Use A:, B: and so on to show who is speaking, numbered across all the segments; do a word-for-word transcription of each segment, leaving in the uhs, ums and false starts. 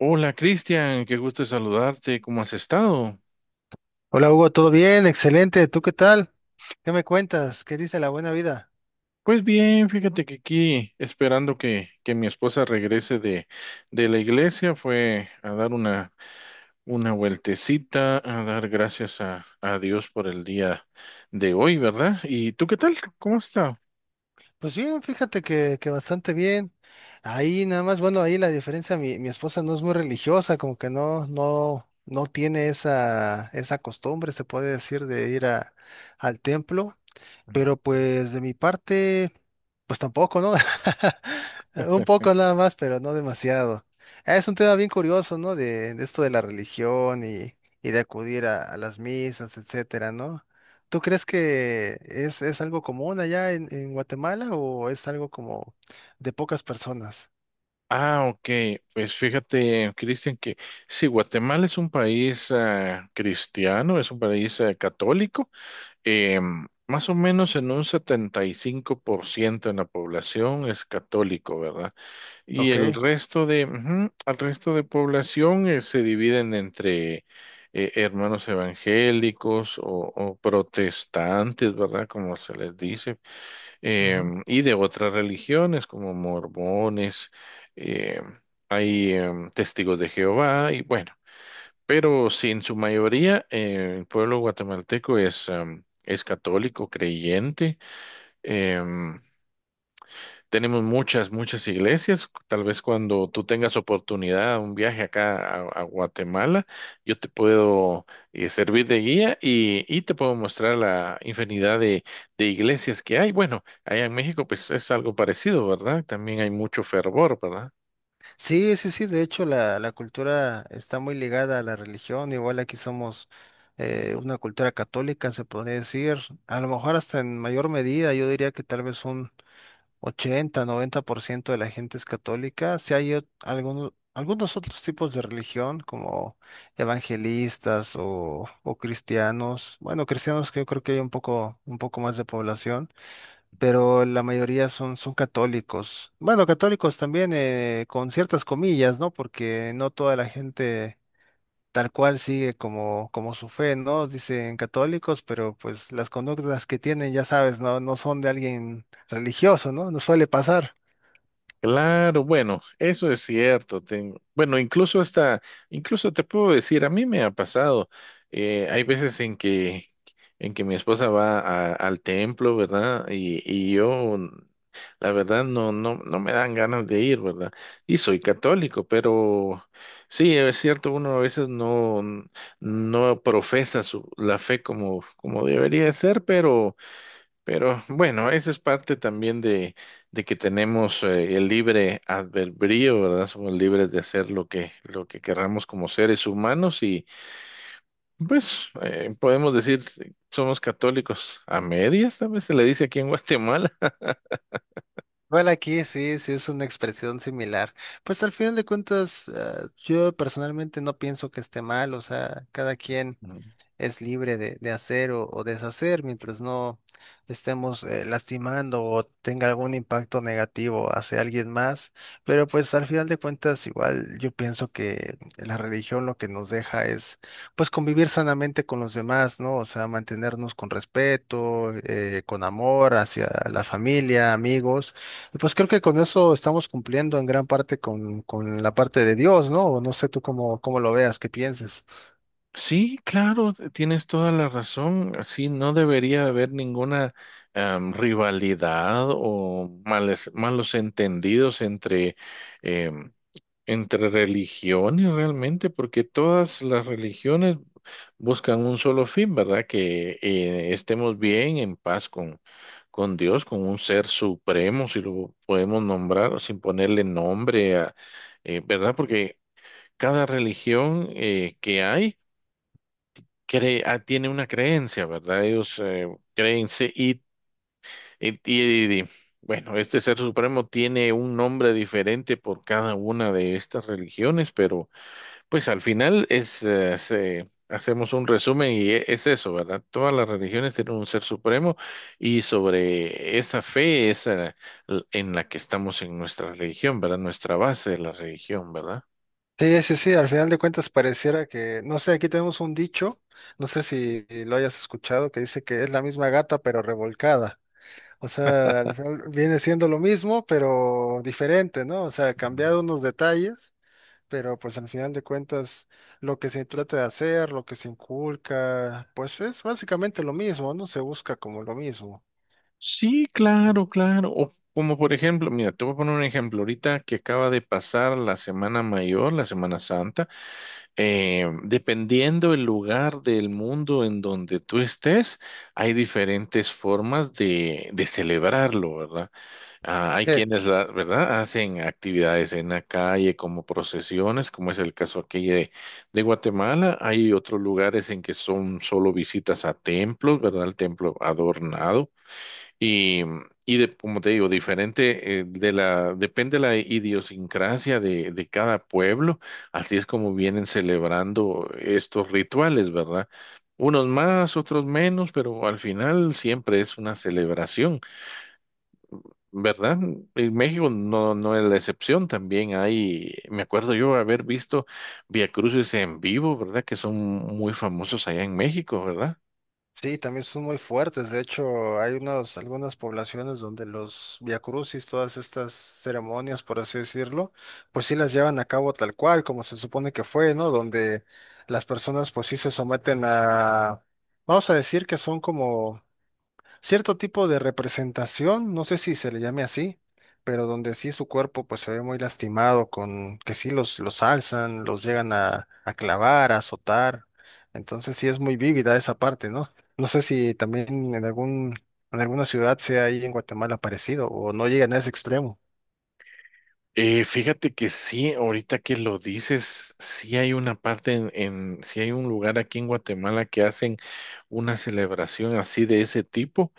A: Hola Cristian, qué gusto saludarte, ¿cómo has estado?
B: Hola Hugo, ¿todo bien? Excelente. ¿Tú qué tal? ¿Qué me cuentas? ¿Qué dice la buena vida?
A: Pues bien, fíjate que aquí esperando que, que mi esposa regrese de, de la iglesia, fue a dar una, una vueltecita, a dar gracias a, a Dios por el día de hoy, ¿verdad? ¿Y tú qué tal? ¿Cómo has estado?
B: Pues bien, fíjate que, que bastante bien. Ahí nada más, bueno, ahí la diferencia, mi, mi esposa no es muy religiosa, como que no, no, no tiene esa, esa costumbre, se puede decir, de ir a, al templo. Pero pues de mi parte, pues tampoco, ¿no? Un poco nada más, pero no demasiado. Es un tema bien curioso, ¿no? De, de esto de la religión y, y de acudir a, a las misas, etcétera, ¿no? ¿Tú crees que es, es algo común allá en, en Guatemala o es algo como de pocas personas?
A: Ah, ok. Pues fíjate, Cristian, que sí, Guatemala es un país ah, cristiano, es un país ah, católico, eh, más o menos en un setenta y cinco por ciento en la población es católico, ¿verdad? Y
B: Ok.
A: el resto de, ujú, al resto de población eh, se dividen entre eh, hermanos evangélicos o, o protestantes, ¿verdad? Como se les dice, em, y de otras religiones como mormones, em, hay em, testigos de Jehová y bueno. Pero sí, en su mayoría, eh, el pueblo guatemalteco es, em, es católico, creyente. em, Tenemos muchas, muchas iglesias. Tal vez cuando tú tengas oportunidad, un viaje acá a, a Guatemala, yo te puedo eh, servir de guía y, y te puedo mostrar la infinidad de, de iglesias que hay. Bueno, allá en México, pues es algo parecido, ¿verdad? También hay mucho fervor, ¿verdad?
B: Sí, sí, sí, de hecho la, la cultura está muy ligada a la religión, igual aquí somos eh, una cultura católica, se podría decir, a lo mejor hasta en mayor medida, yo diría que tal vez un ochenta, noventa por ciento de la gente es católica, si hay ot- algunos, algunos otros tipos de religión como evangelistas o, o cristianos, bueno, cristianos que yo creo que hay un poco, un poco más de población pero la mayoría son, son católicos. Bueno, católicos también eh, con ciertas comillas, ¿no? Porque no toda la gente tal cual sigue como, como su fe, ¿no? Dicen católicos, pero pues las conductas que tienen, ya sabes, no, no son de alguien religioso, ¿no? No suele pasar.
A: Claro, bueno, eso es cierto. Ten- bueno, incluso hasta, incluso te puedo decir, a mí me ha pasado. Eh, hay veces en que, en que mi esposa va a- al templo, ¿verdad? Y, y yo, la verdad, no, no, no me dan ganas de ir, ¿verdad? Y soy católico, pero sí, es cierto, uno a veces no, no profesa su, la fe como, como debería de ser, pero pero bueno, eso es parte también de, de que tenemos eh, el libre albedrío, ¿verdad? Somos libres de hacer lo que, lo que querramos como seres humanos y pues eh, podemos decir somos católicos a medias, tal vez se le dice aquí en Guatemala.
B: Bueno, aquí sí, sí es una expresión similar. Pues al final de cuentas, eh, yo personalmente no pienso que esté mal, o sea, cada quien
A: Mm.
B: es libre de, de hacer o, o deshacer mientras no estemos eh, lastimando o tenga algún impacto negativo hacia alguien más. Pero pues al final de cuentas, igual yo pienso que la religión lo que nos deja es pues convivir sanamente con los demás, ¿no? O sea, mantenernos con respeto, eh, con amor hacia la familia, amigos. Y pues creo que con eso estamos cumpliendo en gran parte con, con la parte de Dios, ¿no? No sé tú cómo, cómo lo veas, qué pienses.
A: Sí, claro, t- tienes toda la razón. Sí, no debería haber ninguna em, rivalidad o males- malos entendidos entre entre religiones realmente, porque todas las religiones buscan un solo fin, ¿verdad? Que eh, estemos bien, en paz con, con Dios, con un ser supremo, si lo podemos nombrar, sin ponerle nombre a, eh, ¿verdad? Porque cada religión eh, que hay cree, ah, tiene una creencia, ¿verdad? Ellos eh, creen sí, y, y, y- y- bueno, este ser supremo tiene un nombre diferente por cada una de estas religiones, pero pues al final es, eh, se- hacemos un resumen y e- es eso, ¿verdad? Todas las religiones tienen un ser supremo y sobre esa fe es eh, l- en la que estamos en nuestra religión, ¿verdad? Nuestra base de la religión, ¿verdad?
B: Sí, sí, sí, al final de cuentas pareciera que, no sé, aquí tenemos un dicho, no sé si lo hayas escuchado, que dice que es la misma gata pero revolcada. O sea, al final viene siendo lo mismo pero diferente, ¿no? O sea, cambiado unos detalles, pero pues al final de cuentas lo que se trata de hacer, lo que se inculca, pues es básicamente lo mismo, ¿no? Se busca como lo mismo.
A: Sí, claro, claro. O como por ejemplo, mira, te voy a poner un ejemplo ahorita que acaba de pasar la Semana Mayor, la Semana Santa, eh, dependiendo el lugar del mundo en donde tú estés, hay diferentes formas de, de celebrarlo, ¿verdad? Ah, hay
B: Sí.
A: quienes, la, ¿verdad? Hacen actividades en la calle como procesiones, como es el caso aquí de, de Guatemala. Hay otros lugares en que son solo visitas a templos, ¿verdad? El templo adornado. Y, y de, como te digo, diferente, eh, de la, depende de la idiosincrasia de, de cada pueblo. Así es como vienen celebrando estos rituales, ¿verdad? Unos más, otros menos, pero al final siempre es una celebración. ¿Verdad? En México no, no es la excepción, también hay, me acuerdo yo haber visto cruces en vivo, ¿verdad? Que son muy famosos allá en México, ¿verdad?
B: Sí, también son muy fuertes. De hecho, hay unos, algunas poblaciones donde los viacrucis, todas estas ceremonias, por así decirlo, pues sí las llevan a cabo tal cual, como se supone que fue, ¿no? Donde las personas pues sí se someten a, vamos a decir que son como cierto tipo de representación, no sé si se le llame así, pero donde sí su cuerpo pues se ve muy lastimado, con que sí los, los alzan, los llegan a, a clavar, a azotar. Entonces sí es muy vívida esa parte, ¿no? No sé si también en algún, en alguna ciudad sea ahí en Guatemala parecido o no llegan a ese extremo.
A: Eh, fíjate que sí, ahorita que lo dices, sí hay una parte en, en, sí hay un lugar aquí en Guatemala que hacen una celebración así de ese tipo,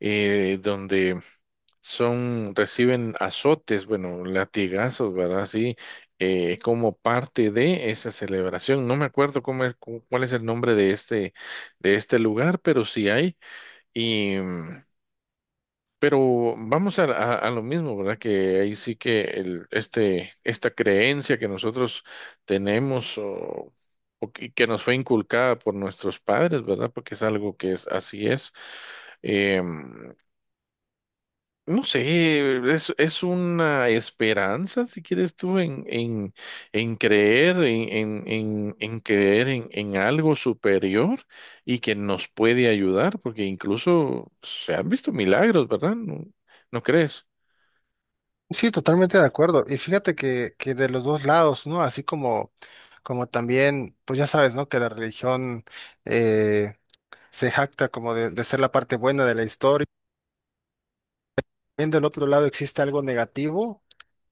A: eh, donde son, reciben azotes, bueno, latigazos, ¿verdad? Sí, eh, como parte de esa celebración. No me acuerdo cómo es, cu- cuál es el nombre de este, de este lugar, pero sí hay. Y, mm, pero vamos a, a- a lo mismo, ¿verdad? Que ahí sí que el, este, esta creencia que nosotros tenemos o, o que que nos fue inculcada por nuestros padres, ¿verdad? Porque es algo que es, así es. Em, no sé, es, es una esperanza, si quieres tú, en, en, en creer, en, en, en, en creer en, en algo superior y que nos puede ayudar, porque incluso se han visto milagros, ¿verdad? ¿No, no crees?
B: Sí, totalmente de acuerdo. Y fíjate que, que de los dos lados, ¿no? Así como, como también, pues ya sabes, ¿no? Que la religión eh, se jacta como de, de ser la parte buena de la historia viendo el otro lado existe algo negativo,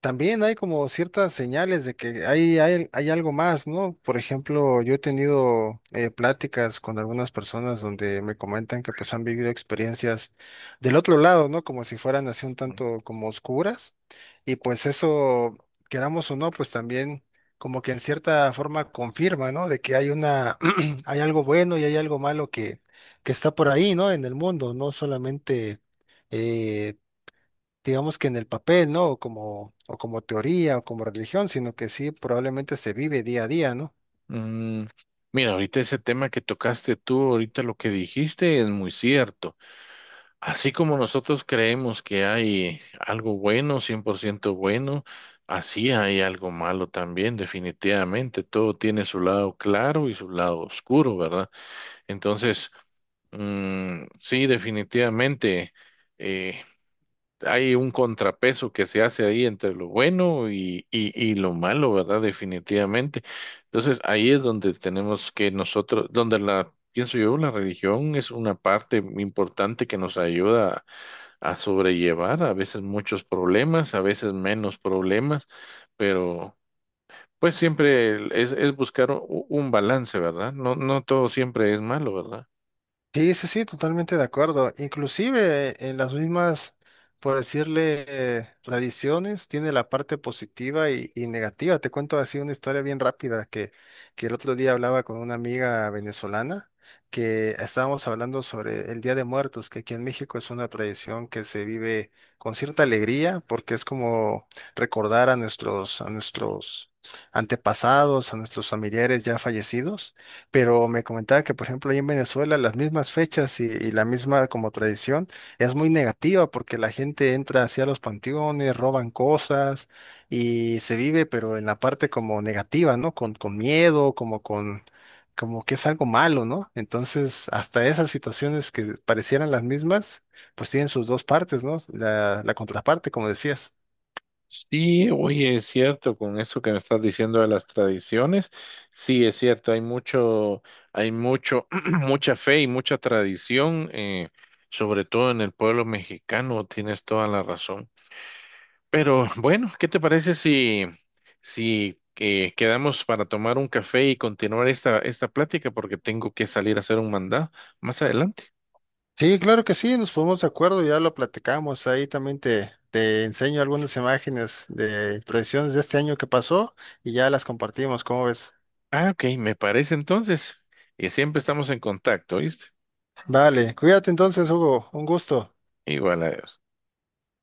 B: también hay como ciertas señales de que hay, hay, hay algo más, ¿no? Por ejemplo, yo he tenido eh, pláticas con algunas personas donde me comentan que pues han vivido experiencias del otro lado, ¿no? Como si fueran así un tanto como oscuras. Y pues eso, queramos o no, pues también como que en cierta forma confirma, ¿no? De que hay una, hay algo bueno y hay algo malo que, que está por ahí, ¿no? En el mundo, no solamente eh, digamos que en el papel, ¿no? O como, o como teoría o como religión, sino que sí, probablemente se vive día a día, ¿no?
A: Mm, mira, ahorita ese tema que tocaste tú, ahorita lo que dijiste es muy cierto. Así como nosotros creemos que hay algo bueno, cien por ciento bueno, así hay algo malo también, definitivamente. Todo tiene su lado claro y su lado oscuro, ¿verdad? Entonces, mm, sí, definitivamente eh, hay un contrapeso que se hace ahí entre lo bueno y, y, y lo malo, ¿verdad? Definitivamente. Entonces, ahí es donde tenemos que nosotros, donde la... Pienso yo, la religión es una parte importante que nos ayuda a sobrellevar, a veces muchos problemas, a veces menos problemas, pero pues siempre el- es, es buscar u- un balance, ¿verdad? No, no todo siempre es malo, ¿verdad?
B: Sí, sí, sí, totalmente de acuerdo. Inclusive eh, en las mismas, por decirle, eh, tradiciones, tiene la parte positiva y, y negativa. Te cuento así una historia bien rápida que, que el otro día hablaba con una amiga venezolana que estábamos hablando sobre el Día de Muertos, que aquí en México es una tradición que se vive con cierta alegría porque es como recordar a nuestros, a nuestros antepasados, a nuestros familiares ya fallecidos pero me comentaba que, por ejemplo, ahí en Venezuela las mismas fechas y, y la misma como tradición es muy negativa porque la gente entra hacia los panteones, roban cosas y se vive, pero en la parte como negativa, ¿no? Con, con miedo, como con, como que es algo malo, ¿no? Entonces, hasta esas situaciones que parecieran las mismas, pues tienen sus dos partes, ¿no? La, la contraparte, como decías.
A: Sí, oye, es cierto, con eso que me estás diciendo de las tradiciones, sí, es cierto, hay mucho, hay mucho, mucha fe y mucha tradición, eh, sobre todo en el pueblo mexicano, tienes toda la razón. Pero bueno, ¿qué te parece si, si eh, quedamos para tomar un café y continuar esta, esta plática? Porque tengo que salir a hacer un mandado más adelante.
B: Sí, claro que sí, nos ponemos de acuerdo, ya lo platicamos. Ahí también te, te enseño algunas imágenes de tradiciones de este año que pasó y ya las compartimos, ¿cómo ves?
A: Ah, ok, me parece entonces. Y siempre estamos en contacto, ¿viste?
B: Vale, cuídate entonces, Hugo, un gusto.
A: Igual, adiós.